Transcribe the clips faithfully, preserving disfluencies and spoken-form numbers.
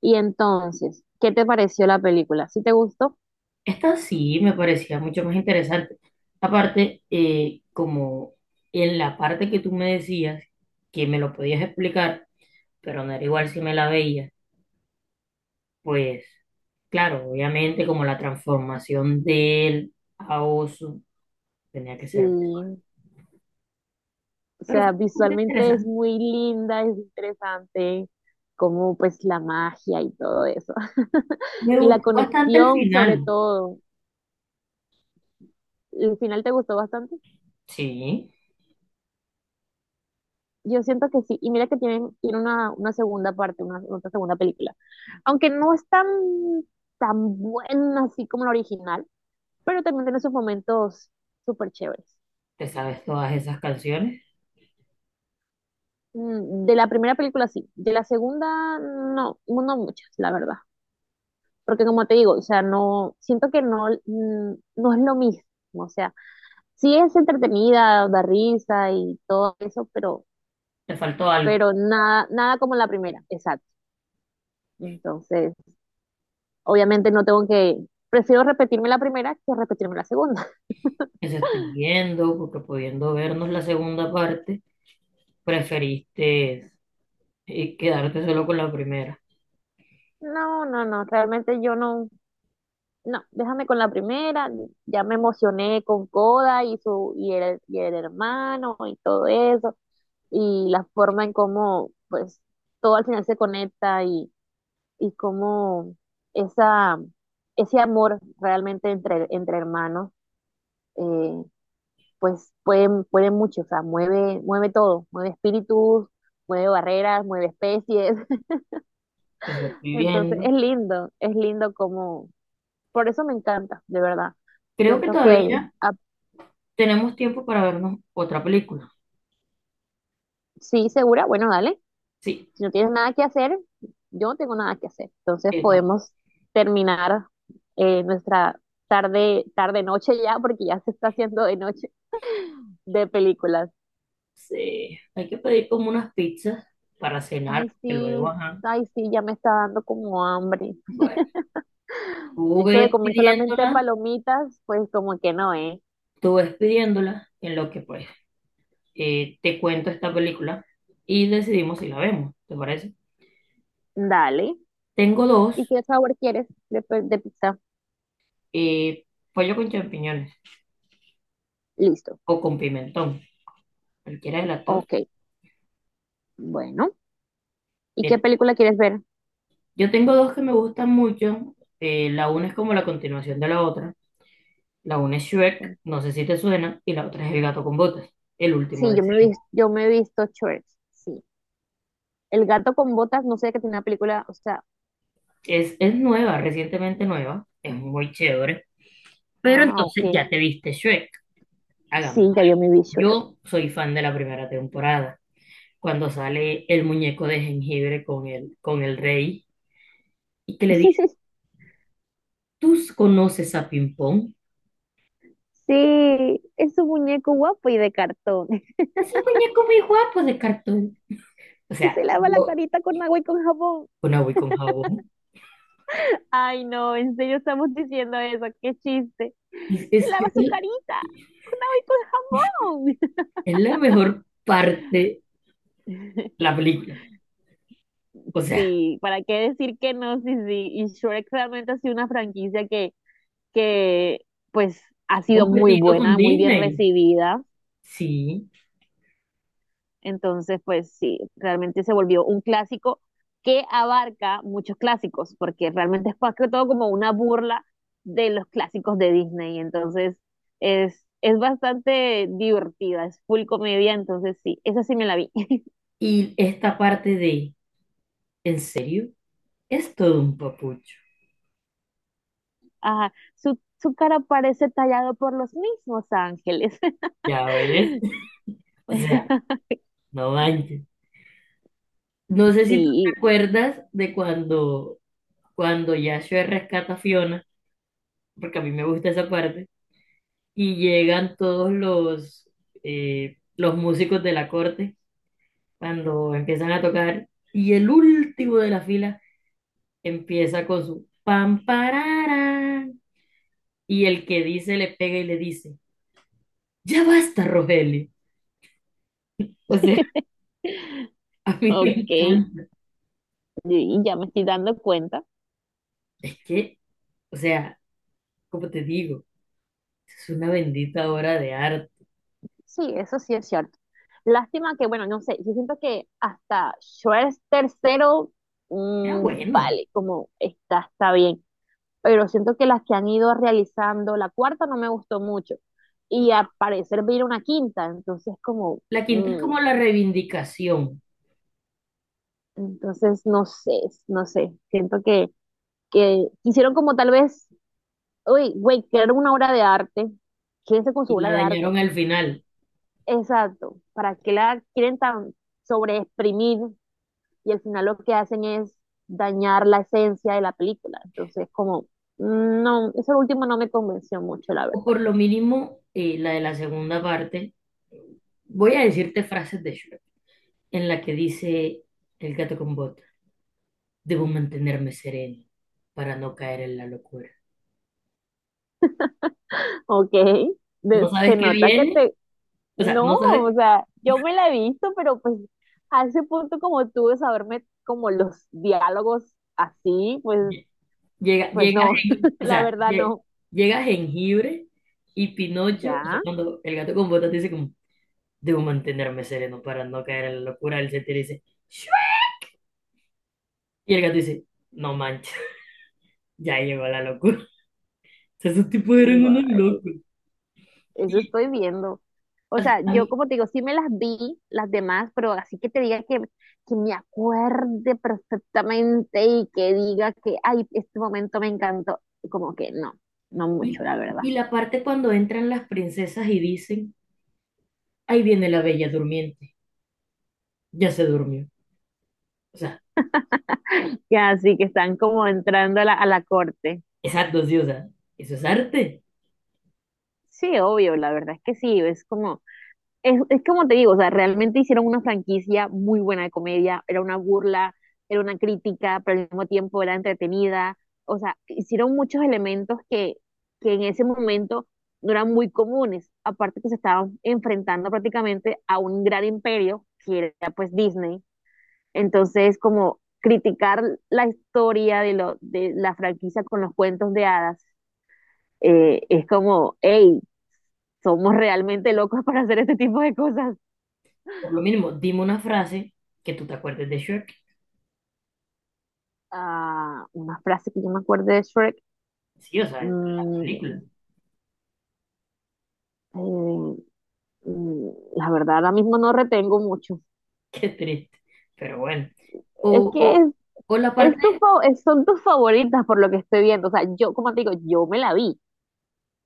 Y entonces, ¿qué te pareció la película? ¿Sí te gustó? Esta sí me parecía mucho más interesante. Aparte, eh, como en la parte que tú me decías que me lo podías explicar, pero no era igual si me la veías, pues claro, obviamente como la transformación de él a oso tenía que Sí, ser. o Pero fue sea, bastante visualmente es interesante. muy linda, es interesante, como pues la magia y todo eso. Me Y la gustó bastante el conexión sobre final. todo. ¿El final te gustó bastante? Sí, Yo siento que sí, y mira que tienen, tiene una, una segunda parte, una, otra segunda película. Aunque no es tan, tan buena así como la original, pero también tiene sus momentos súper chéveres. te sabes todas esas canciones. Mm, De la primera película sí, de la segunda no, no muchas, la verdad. Porque como te digo, o sea, no, siento que no, mm, no es lo mismo, o sea, sí es entretenida, da risa y todo eso, pero, Te faltó algo. pero nada, nada como la primera, exacto. Entonces. Obviamente no tengo que, prefiero repetirme la primera que repetirme la segunda. Eso estoy viendo, porque pudiendo vernos la segunda parte, preferiste y quedarte solo con la primera. No, no, no, realmente yo no, no, déjame con la primera, ya me emocioné con Coda y su, y el, y el hermano y todo eso, y la forma en cómo, pues, todo al final se conecta y, y, cómo esa, ese amor realmente entre, entre, hermanos, eh, pues puede, puede, mucho, o sea, mueve, mueve todo, mueve espíritus, mueve barreras, mueve especies. Te estoy Entonces, viendo. es lindo, es lindo como, por eso me encanta, de verdad. Creo que Siento que, todavía ah, tenemos tiempo para vernos otra película. sí, segura, bueno, dale, Sí, si no tienes nada que hacer, yo no tengo nada que hacer. Entonces, esta. podemos terminar eh, nuestra tarde, tarde noche ya, porque ya se está haciendo de noche, de películas. Sí, hay que pedir como unas pizzas para Ay, cenar, que luego, sí, ajá. ay, sí, ya me está dando como hambre. Bueno, tú Eso de ves comer solamente pidiéndola, palomitas, pues como que no, ¿eh? tú ves pidiéndola, en lo que pues eh, te cuento esta película y decidimos si la vemos, ¿te parece? Dale. Tengo ¿Y dos, qué sabor quieres de, pe- de pizza? eh, pollo con champiñones Listo. o con pimentón, cualquiera de las dos. Ok. Bueno, ¿y qué película quieres ver? Yo tengo dos que me gustan mucho. Eh, la una es como la continuación de la otra. La una es Shrek, no sé si te suena, y la otra es El gato con botas, el último Sí, de yo me, he Shrek. vis- yo me he visto Church, sí. El gato con botas, no sé que tiene una película, o sea, Es, es nueva, recientemente nueva, es muy chévere. Pero ah, ok. entonces ya te viste Shrek, hagamos. Sí, ya yo me vi Shrek. Yo soy fan de la primera temporada, cuando sale el muñeco de jengibre con el, con el rey y que le dice, ¿tú conoces a Ping Pong? Sí, es un muñeco guapo y de cartón, Es un muñeco muy guapo de cartón. O que sea, se lava la yo carita con agua y con jabón. con agua y con jabón. Ay, no, en serio estamos diciendo eso, qué chiste. Y Se Es, lava su es, carita con agua y con jabón. es la mejor parte la película. O sea, Sí, ¿para qué decir que no? Sí, sí, y Shrek realmente ha sido una franquicia que pues ha ha sido muy competido con buena, muy bien Disney. recibida. Sí. Entonces, pues sí, realmente se volvió un clásico que abarca muchos clásicos, porque realmente es más que todo como una burla de los clásicos de Disney. Entonces, es, es bastante divertida, es full comedia, entonces sí, esa sí me la vi. Y esta parte de, ¿en serio? Es todo un papucho. Ajá, su, su cara parece tallado por los mismos ángeles. Ya ves. O sea, no manches. No sé si tú Sí, te acuerdas de cuando, cuando Yashua rescata a Fiona, porque a mí me gusta esa parte, y llegan todos los, eh, los músicos de la corte cuando empiezan a tocar, y el último de la fila empieza con su pam parara y el que dice le pega y le dice, ya basta, Rogelio. O sea, a mí me ok. encanta. Y y ya me estoy dando cuenta. Es que, o sea, como te digo, es una bendita obra de arte. Sí, eso sí es cierto. Lástima que, bueno, no sé, yo siento que hasta Schwarz tercero, Era mm, bueno. vale, como está, está bien. Pero siento que las que han ido realizando, la cuarta no me gustó mucho. Y al parecer viene una quinta, entonces como, La quinta es mm, como la reivindicación entonces no sé, no sé. Siento que, que, hicieron como tal vez, uy, güey, crearon una obra de arte, quédense con su y obra la de arte. dañaron al final. Exacto, ¿para qué la quieren tan sobreexprimir y al final lo que hacen es dañar la esencia de la película? Entonces, como, mm, no, eso último no me convenció mucho, la O verdad. por lo mínimo, eh, la de la segunda parte. Voy a decirte frases de Shrek en la que dice el gato con botas, debo mantenerme sereno para no caer en la locura. Ok, No de- se sabes qué nota que viene, te, o sea, no, no o sabes, sea, yo me la he visto, pero pues a ese punto como tú de saberme como los diálogos así, pues, lle- llega, pues llegas no, en, o la sea, verdad lle- no. llega jengibre y Pinocho, o sea, Ya, cuando el gato con botas dice como, debo mantenerme sereno para no caer en la locura, él se tira y dice, "Shua". Y el gato dice, no manches, ya llegó la locura. O sea, esos tipos eran unos vale. locos. Eso Y, estoy viendo. O o sea, sea, a yo mí- como te digo, sí me las vi, las demás, pero así que te diga que, que, me acuerde perfectamente y que diga que, ay, este momento me encantó, como que no, no y, mucho, la verdad. y la parte cuando entran las princesas y dicen, ahí viene la bella durmiente, ya se durmió. O sea, Que así que están como entrando a la, a la corte. es arte, sí, o sea, eso es arte. Sí, obvio, la verdad es que sí, es como, es, es como te digo, o sea, realmente hicieron una franquicia muy buena de comedia, era una burla, era una crítica, pero al mismo tiempo era entretenida, o sea, hicieron muchos elementos que, que en ese momento no eran muy comunes, aparte que se estaban enfrentando prácticamente a un gran imperio, que era pues Disney, entonces como criticar la historia de, lo, de la franquicia con los cuentos de hadas, eh, es como, hey, somos realmente locos para hacer este tipo de cosas. Por lo mínimo, dime una frase que tú te acuerdes de Shrek. Ah una frase que yo me acuerdo de Shrek. Sí, o sea, entre las mm, películas. eh, mm, la verdad, ahora mismo no retengo mucho. Qué triste, pero bueno. O, Es que o, es, o la parte, es tu fa- es- son tus favoritas por lo que estoy viendo. O sea, yo, como te digo, yo me la vi,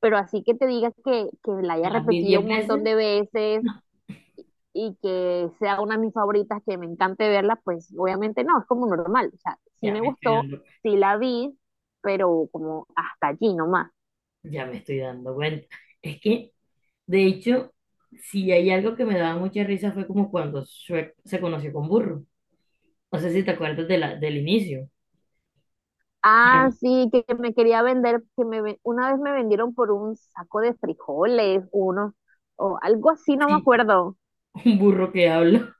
pero así que te digas que, que la me haya las vi repetido diez un montón veces. de veces No, y que sea una de mis favoritas, que me encante verla, pues obviamente no, es como normal. O sea, sí ya me me estoy gustó, dando, sí la vi, pero como hasta allí nomás. ya me estoy dando cuenta. Es que, de hecho, si hay algo que me daba mucha risa fue como cuando Shrek se conoció con Burro. No sé si te acuerdas de la, del inicio. Ah, Ay, sí, que que me quería vender, que me ven- una vez me vendieron por un saco de frijoles, uno, o algo así, no me sí, acuerdo. un burro que habla.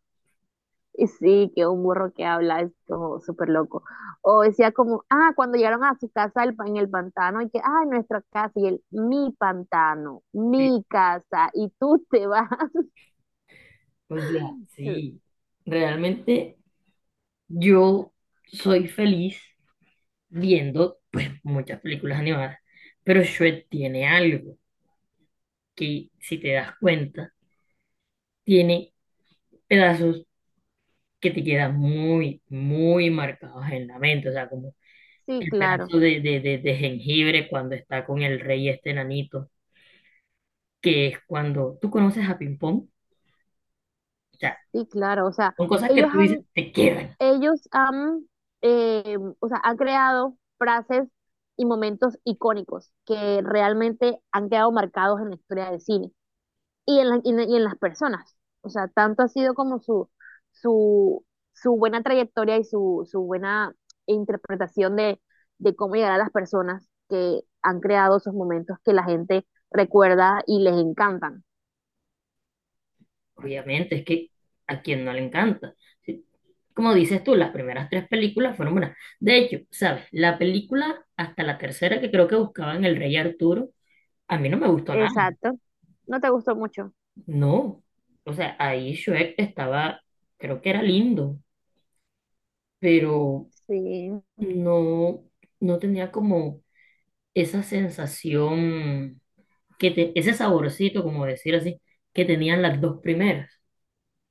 Y sí, que un burro que habla es como súper loco. O decía como, ah, cuando llegaron a su casa el pa- en el pantano, y que, ah, nuestra casa, y él, mi pantano, Sí, mi casa, y tú te vas. o sea, sí. Realmente yo soy feliz viendo pues muchas películas animadas, pero Shrek tiene algo que si te das cuenta, tiene pedazos que te quedan muy, muy marcados en la mente, o sea, como Sí, el claro, pedazo de, de, de, de jengibre cuando está con el rey este enanito, que es cuando tú conoces a Ping Pong, o sea, sí, claro. O sea, son cosas que ellos tú dices, han te quedan, ellos han, eh, o sea, han creado frases y momentos icónicos que realmente han quedado marcados en la historia del cine y en, la- y en, y en las personas. O sea, tanto ha sido como su, su, su buena trayectoria y su, su buena interpretación de, de, cómo llegar a las personas que han creado esos momentos que la gente recuerda y les encantan. obviamente, es que a quien no le encanta. Si como dices tú, las primeras tres películas fueron buenas. De hecho, ¿sabes? La película hasta la tercera que creo que buscaban El Rey Arturo, a mí no me gustó nada. Exacto. ¿No te gustó mucho? No. O sea, ahí Shrek estaba, creo que era lindo, pero Sí, no, no tenía como esa sensación, que te- ese saborcito, como decir así, que tenían las dos primeras.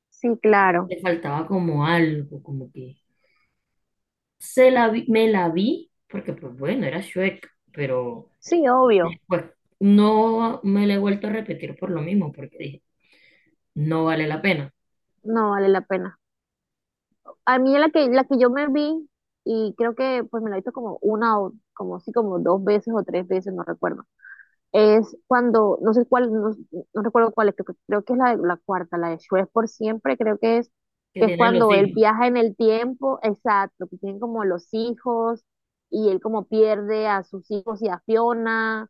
sí, claro. Le faltaba como algo, como que se la vi- me la vi, porque pues bueno, era Shrek, pero... Sí, obvio. Después no me la he vuelto a repetir por lo mismo, porque dije, no vale la pena, No vale la pena. A mí la que, la que yo me vi, y creo que pues me la he visto como una o como sí, como dos veces o tres veces, no recuerdo. Es cuando, no sé cuál, no, no recuerdo cuál es, creo, que creo que es la, la, cuarta, la de Shrek por siempre, creo que es, que que es tienen los cuando él hijos, viaja en el tiempo, exacto, que tienen como los hijos, y él como pierde a sus hijos y a Fiona.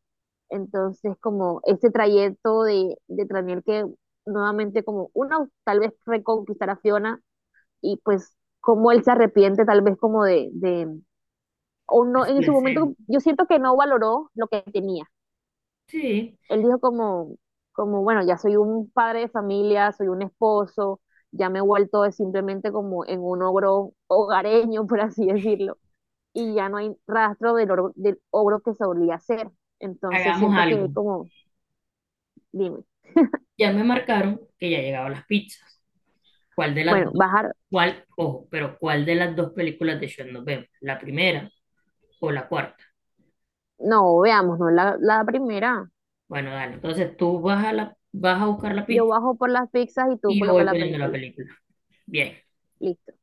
Entonces, como ese trayecto de, de, tener que nuevamente como una, tal vez reconquistar a Fiona y pues cómo él se arrepiente tal vez como de, de, o es no, el en su deseo. momento yo siento que no valoró lo que tenía. Sí, Él dijo como, como, bueno, ya soy un padre de familia, soy un esposo, ya me he vuelto de simplemente como en un ogro hogareño, por así decirlo, y ya no hay rastro del, ogro, del ogro que solía ser. Entonces hagamos siento que él algo. como, dime, Ya me marcaron que ya llegaban las pizzas. ¿Cuál de las bueno, dos? bajar, ¿Cuál? Ojo, pero ¿cuál de las dos películas de Shrek nos vemos? ¿La primera o la cuarta? no, veamos, no, la, la, primera, Bueno, dale, entonces tú vas a, la, vas a buscar la yo pizza bajo por las pizzas y tú y yo voy colocas la poniendo la película, película. Bien. listo.